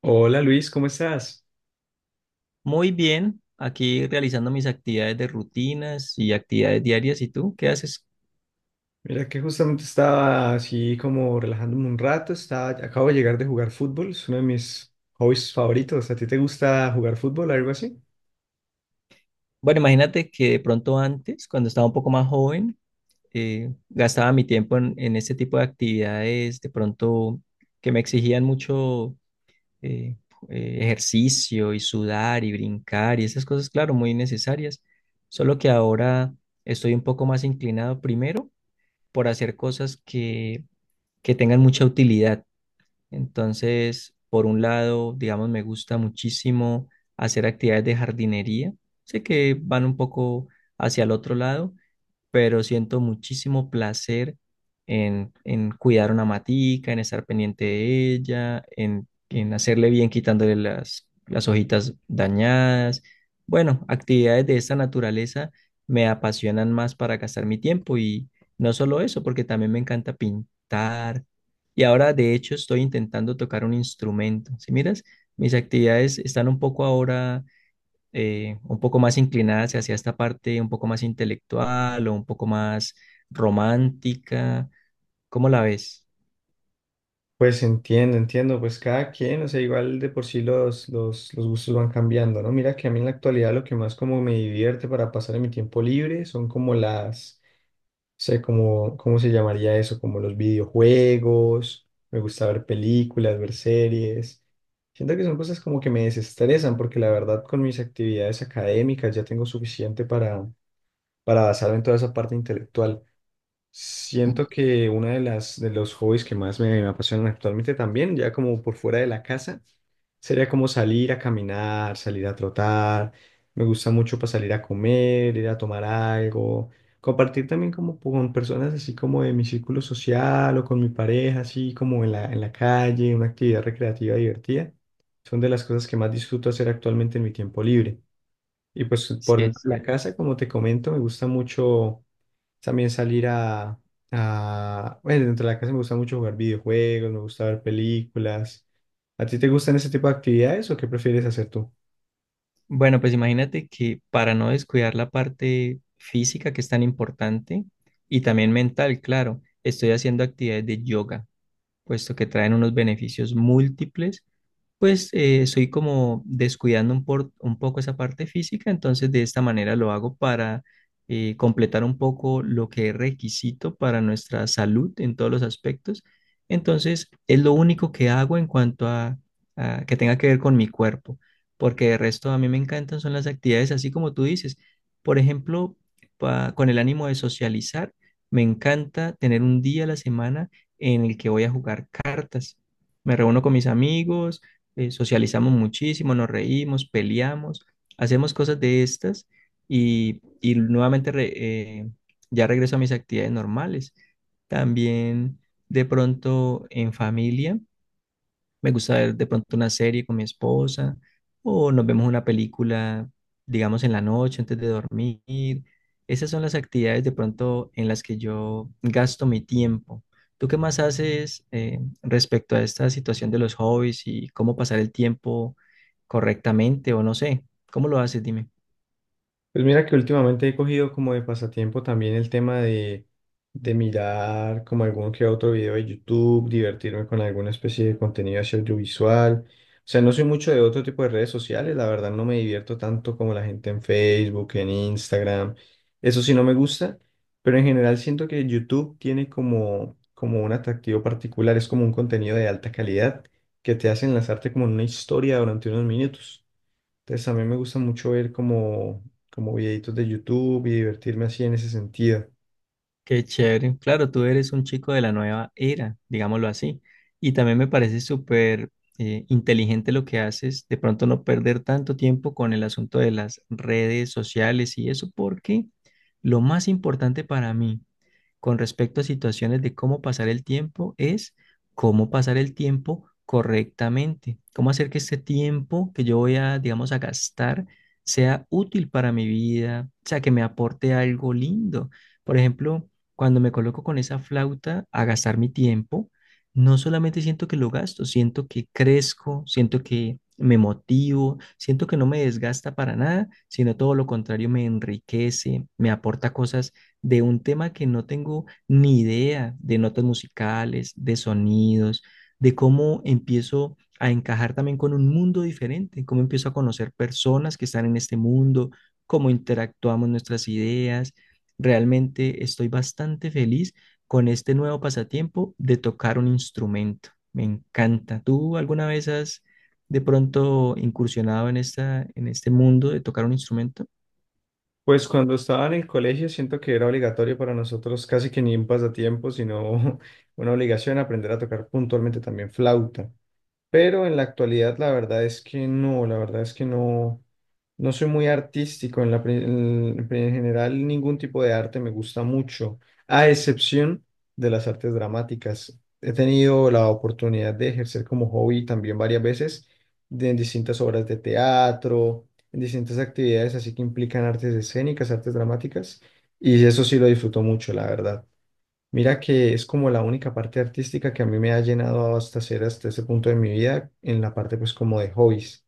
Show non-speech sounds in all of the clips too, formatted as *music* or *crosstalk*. Hola Luis, ¿cómo estás? Muy bien, aquí realizando mis actividades de rutinas y actividades diarias. ¿Y tú qué haces? Mira que justamente estaba así como relajándome un rato, estaba, acabo de llegar de jugar fútbol, es uno de mis hobbies favoritos. ¿A ti te gusta jugar fútbol o algo así? Bueno, imagínate que de pronto antes, cuando estaba un poco más joven, gastaba mi tiempo en este tipo de actividades, de pronto que me exigían mucho eh, ejercicio y sudar y brincar y esas cosas, claro, muy necesarias. Solo que ahora estoy un poco más inclinado primero por hacer cosas que tengan mucha utilidad. Entonces, por un lado, digamos, me gusta muchísimo hacer actividades de jardinería. Sé que van un poco hacia el otro lado, pero siento muchísimo placer en cuidar una matica, en estar pendiente de ella, en hacerle bien quitándole las hojitas dañadas. Bueno, actividades de esta naturaleza me apasionan más para gastar mi tiempo y no solo eso, porque también me encanta pintar. Y ahora, de hecho, estoy intentando tocar un instrumento. Si miras, mis actividades están un poco ahora un poco más inclinadas hacia esta parte un poco más intelectual o un poco más romántica. ¿Cómo la ves? Pues entiendo, entiendo, pues cada quien, o sea, igual de por sí los gustos van cambiando, ¿no? Mira que a mí en la actualidad lo que más como me divierte para pasar en mi tiempo libre son como las, no sé, como, ¿cómo se llamaría eso? Como los videojuegos, me gusta ver películas, ver series. Siento que son cosas como que me desestresan porque la verdad con mis actividades académicas ya tengo suficiente para basarme en toda esa parte intelectual. Siento que una de las de los hobbies que más me, me apasionan actualmente también, ya como por fuera de la casa, sería como salir a caminar, salir a trotar. Me gusta mucho para salir a comer, ir a tomar algo, compartir también como con personas así como de mi círculo social o con mi pareja, así como en la calle, una actividad recreativa divertida. Son de las cosas que más disfruto hacer actualmente en mi tiempo libre. Y pues Sí, por es dentro de la cierto. casa, como te comento, me gusta mucho. También salir a, Bueno, dentro de la casa me gusta mucho jugar videojuegos, me gusta ver películas. ¿A ti te gustan ese tipo de actividades o qué prefieres hacer tú? Bueno, pues imagínate que para no descuidar la parte física, que es tan importante, y también mental, claro, estoy haciendo actividades de yoga, puesto que traen unos beneficios múltiples. Pues estoy como descuidando un poco esa parte física, entonces de esta manera lo hago para completar un poco lo que es requisito para nuestra salud en todos los aspectos. Entonces es lo único que hago en cuanto a que tenga que ver con mi cuerpo, porque de resto a mí me encantan son las actividades así como tú dices. Por ejemplo, con el ánimo de socializar, me encanta tener un día a la semana en el que voy a jugar cartas. Me reúno con mis amigos, socializamos muchísimo, nos reímos, peleamos, hacemos cosas de estas y nuevamente eh, ya regreso a mis actividades normales. También de pronto en familia. Me gusta ver de pronto una serie con mi esposa o nos vemos una película, digamos, en la noche antes de dormir. Esas son las actividades de pronto en las que yo gasto mi tiempo. ¿Tú qué más haces, respecto a esta situación de los hobbies y cómo pasar el tiempo correctamente o no sé? ¿Cómo lo haces? Dime. Pues mira que últimamente he cogido como de pasatiempo también el tema de mirar como algún que otro video de YouTube, divertirme con alguna especie de contenido así audiovisual. O sea, no soy mucho de otro tipo de redes sociales, la verdad no me divierto tanto como la gente en Facebook, en Instagram. Eso sí no me gusta, pero en general siento que YouTube tiene como, como un atractivo particular, es como un contenido de alta calidad que te hace enlazarte como en una historia durante unos minutos. Entonces a mí me gusta mucho ver como, como videitos de YouTube y divertirme así en ese sentido. Qué chévere. Claro, tú eres un chico de la nueva era, digámoslo así. Y también me parece súper inteligente lo que haces, de pronto no perder tanto tiempo con el asunto de las redes sociales y eso, porque lo más importante para mí con respecto a situaciones de cómo pasar el tiempo es cómo pasar el tiempo correctamente, cómo hacer que este tiempo que yo voy a, digamos, a gastar sea útil para mi vida, o sea, que me aporte algo lindo. Por ejemplo, cuando me coloco con esa flauta a gastar mi tiempo, no solamente siento que lo gasto, siento que crezco, siento que me motivo, siento que no me desgasta para nada, sino todo lo contrario, me enriquece, me aporta cosas de un tema que no tengo ni idea, de notas musicales, de sonidos, de cómo empiezo a encajar también con un mundo diferente, cómo empiezo a conocer personas que están en este mundo, cómo interactuamos nuestras ideas. Realmente estoy bastante feliz con este nuevo pasatiempo de tocar un instrumento. Me encanta. ¿Tú alguna vez has de pronto incursionado en esta, en este mundo de tocar un instrumento? Pues cuando estaba en el colegio siento que era obligatorio para nosotros casi que ni un pasatiempo, sino *laughs* una obligación aprender a tocar puntualmente también flauta. Pero en la actualidad la verdad es que no, la verdad es que no, no soy muy artístico en en general ningún tipo de arte me gusta mucho, a excepción de las artes dramáticas. He tenido la oportunidad de ejercer como hobby también varias veces en distintas obras de teatro, en distintas actividades así que implican artes escénicas, artes dramáticas, y eso sí lo disfruto mucho, la verdad. Mira que es como la única parte artística que a mí me ha llenado hasta ser hasta ese punto de mi vida en la parte pues como de hobbies.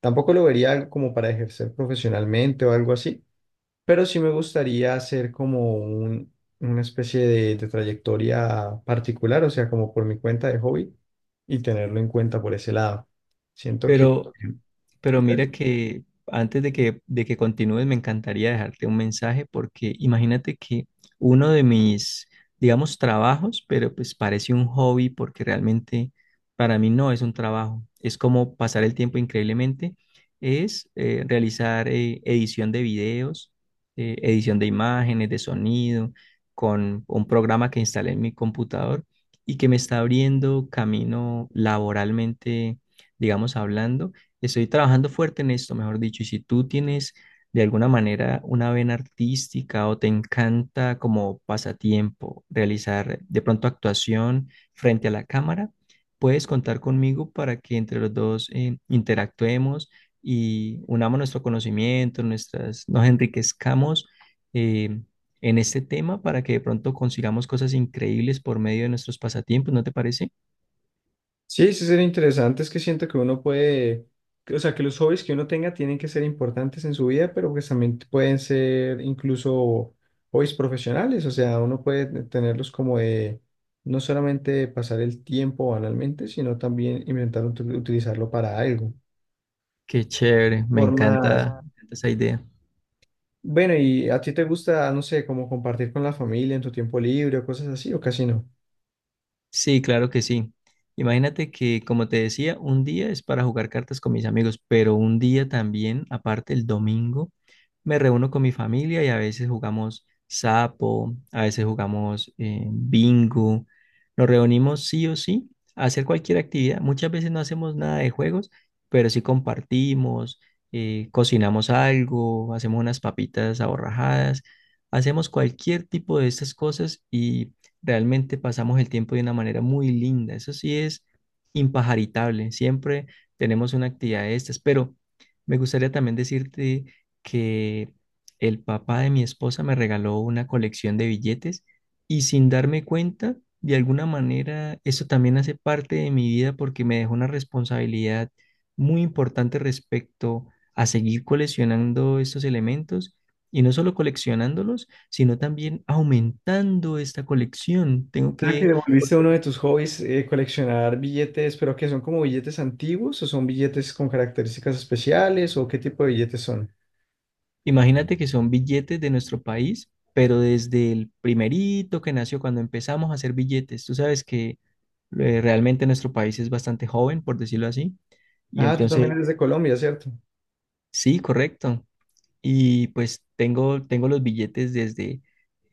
Tampoco lo vería algo como para ejercer profesionalmente o algo así, pero sí me gustaría hacer una especie de trayectoria particular, o sea, como por mi cuenta de hobby y tenerlo en cuenta por ese lado. Siento que... Pero Pero mira que antes de que continúes, me encantaría dejarte un mensaje, porque imagínate que uno de mis, digamos, trabajos, pero pues parece un hobby porque realmente para mí no es un trabajo, es como pasar el tiempo increíblemente, es realizar edición de videos, edición de imágenes, de sonido, con un programa que instalé en mi computador y que me está abriendo camino laboralmente, digamos, hablando. Estoy trabajando fuerte en esto, mejor dicho, y si tú tienes de alguna manera una vena artística o te encanta como pasatiempo realizar de pronto actuación frente a la cámara, puedes contar conmigo para que entre los dos interactuemos y unamos nuestro conocimiento, nuestras, nos enriquezcamos eh, en este tema para que de pronto consigamos cosas increíbles por medio de nuestros pasatiempos, ¿no te parece? Sí, sí sería interesante, es que siento que uno puede, o sea, que los hobbies que uno tenga tienen que ser importantes en su vida, pero pues también pueden ser incluso hobbies profesionales, o sea, uno puede tenerlos como de no solamente pasar el tiempo banalmente, sino también inventar utilizarlo para algo. Qué chévere, Formas. Me encanta esa idea. Bueno, ¿y a ti te gusta, no sé, como compartir con la familia en tu tiempo libre o cosas así, o casi no? Sí, claro que sí. Imagínate que, como te decía, un día es para jugar cartas con mis amigos, pero un día también, aparte el domingo, me reúno con mi familia y a veces jugamos sapo, a veces jugamos bingo. Nos reunimos sí o sí a hacer cualquier actividad. Muchas veces no hacemos nada de juegos, pero sí compartimos, cocinamos algo, hacemos unas papitas aborrajadas, hacemos cualquier tipo de estas cosas y realmente pasamos el tiempo de una manera muy linda. Eso sí es impajaritable. Siempre tenemos una actividad de estas, pero me gustaría también decirte que el papá de mi esposa me regaló una colección de billetes y, sin darme cuenta, de alguna manera, eso también hace parte de mi vida porque me dejó una responsabilidad muy importante respecto a seguir coleccionando estos elementos y no solo coleccionándolos, sino también aumentando esta colección. Tengo Sea que que, devolviste uno de tus hobbies, coleccionar billetes, pero que son como billetes antiguos o son billetes con características especiales o qué tipo de billetes son. imagínate que son billetes de nuestro país. Pero desde el primerito que nació, cuando empezamos a hacer billetes, tú sabes que eh, realmente nuestro país es bastante joven, por decirlo así. Y Ah, tú también entonces, eres de Colombia, ¿cierto? sí, correcto. Y pues tengo los billetes desde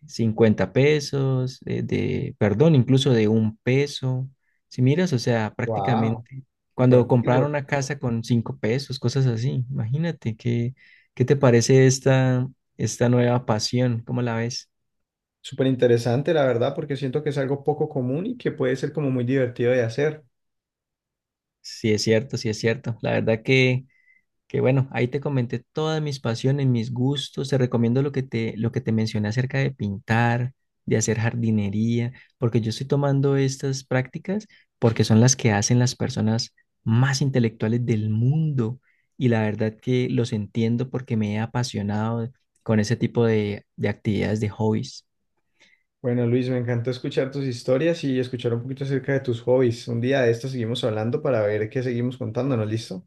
50 pesos, de, perdón, incluso de 1 peso. Si miras, o sea, Wow, prácticamente súper cuando antiguo. compraron una casa con 5 pesos, cosas así. Imagínate, ¿qué, qué te parece esta, esta nueva pasión? ¿Cómo la ves? Súper interesante, la verdad, porque siento que es algo poco común y que puede ser como muy divertido de hacer. Sí, es cierto, sí es cierto. La verdad que bueno, ahí te comenté todas mis pasiones, mis gustos, te recomiendo lo que te mencioné acerca de pintar, de hacer jardinería, porque yo estoy tomando estas prácticas porque son las que hacen las personas más intelectuales del mundo y la verdad que los entiendo porque me he apasionado con ese tipo de actividades, de hobbies. Bueno, Luis, me encantó escuchar tus historias y escuchar un poquito acerca de tus hobbies. Un día de esto seguimos hablando para ver qué seguimos contándonos, ¿listo?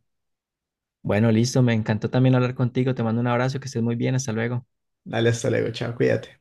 Bueno, listo, me encantó también hablar contigo, te mando un abrazo, que estés muy bien, hasta luego. Dale, hasta luego, chao, cuídate.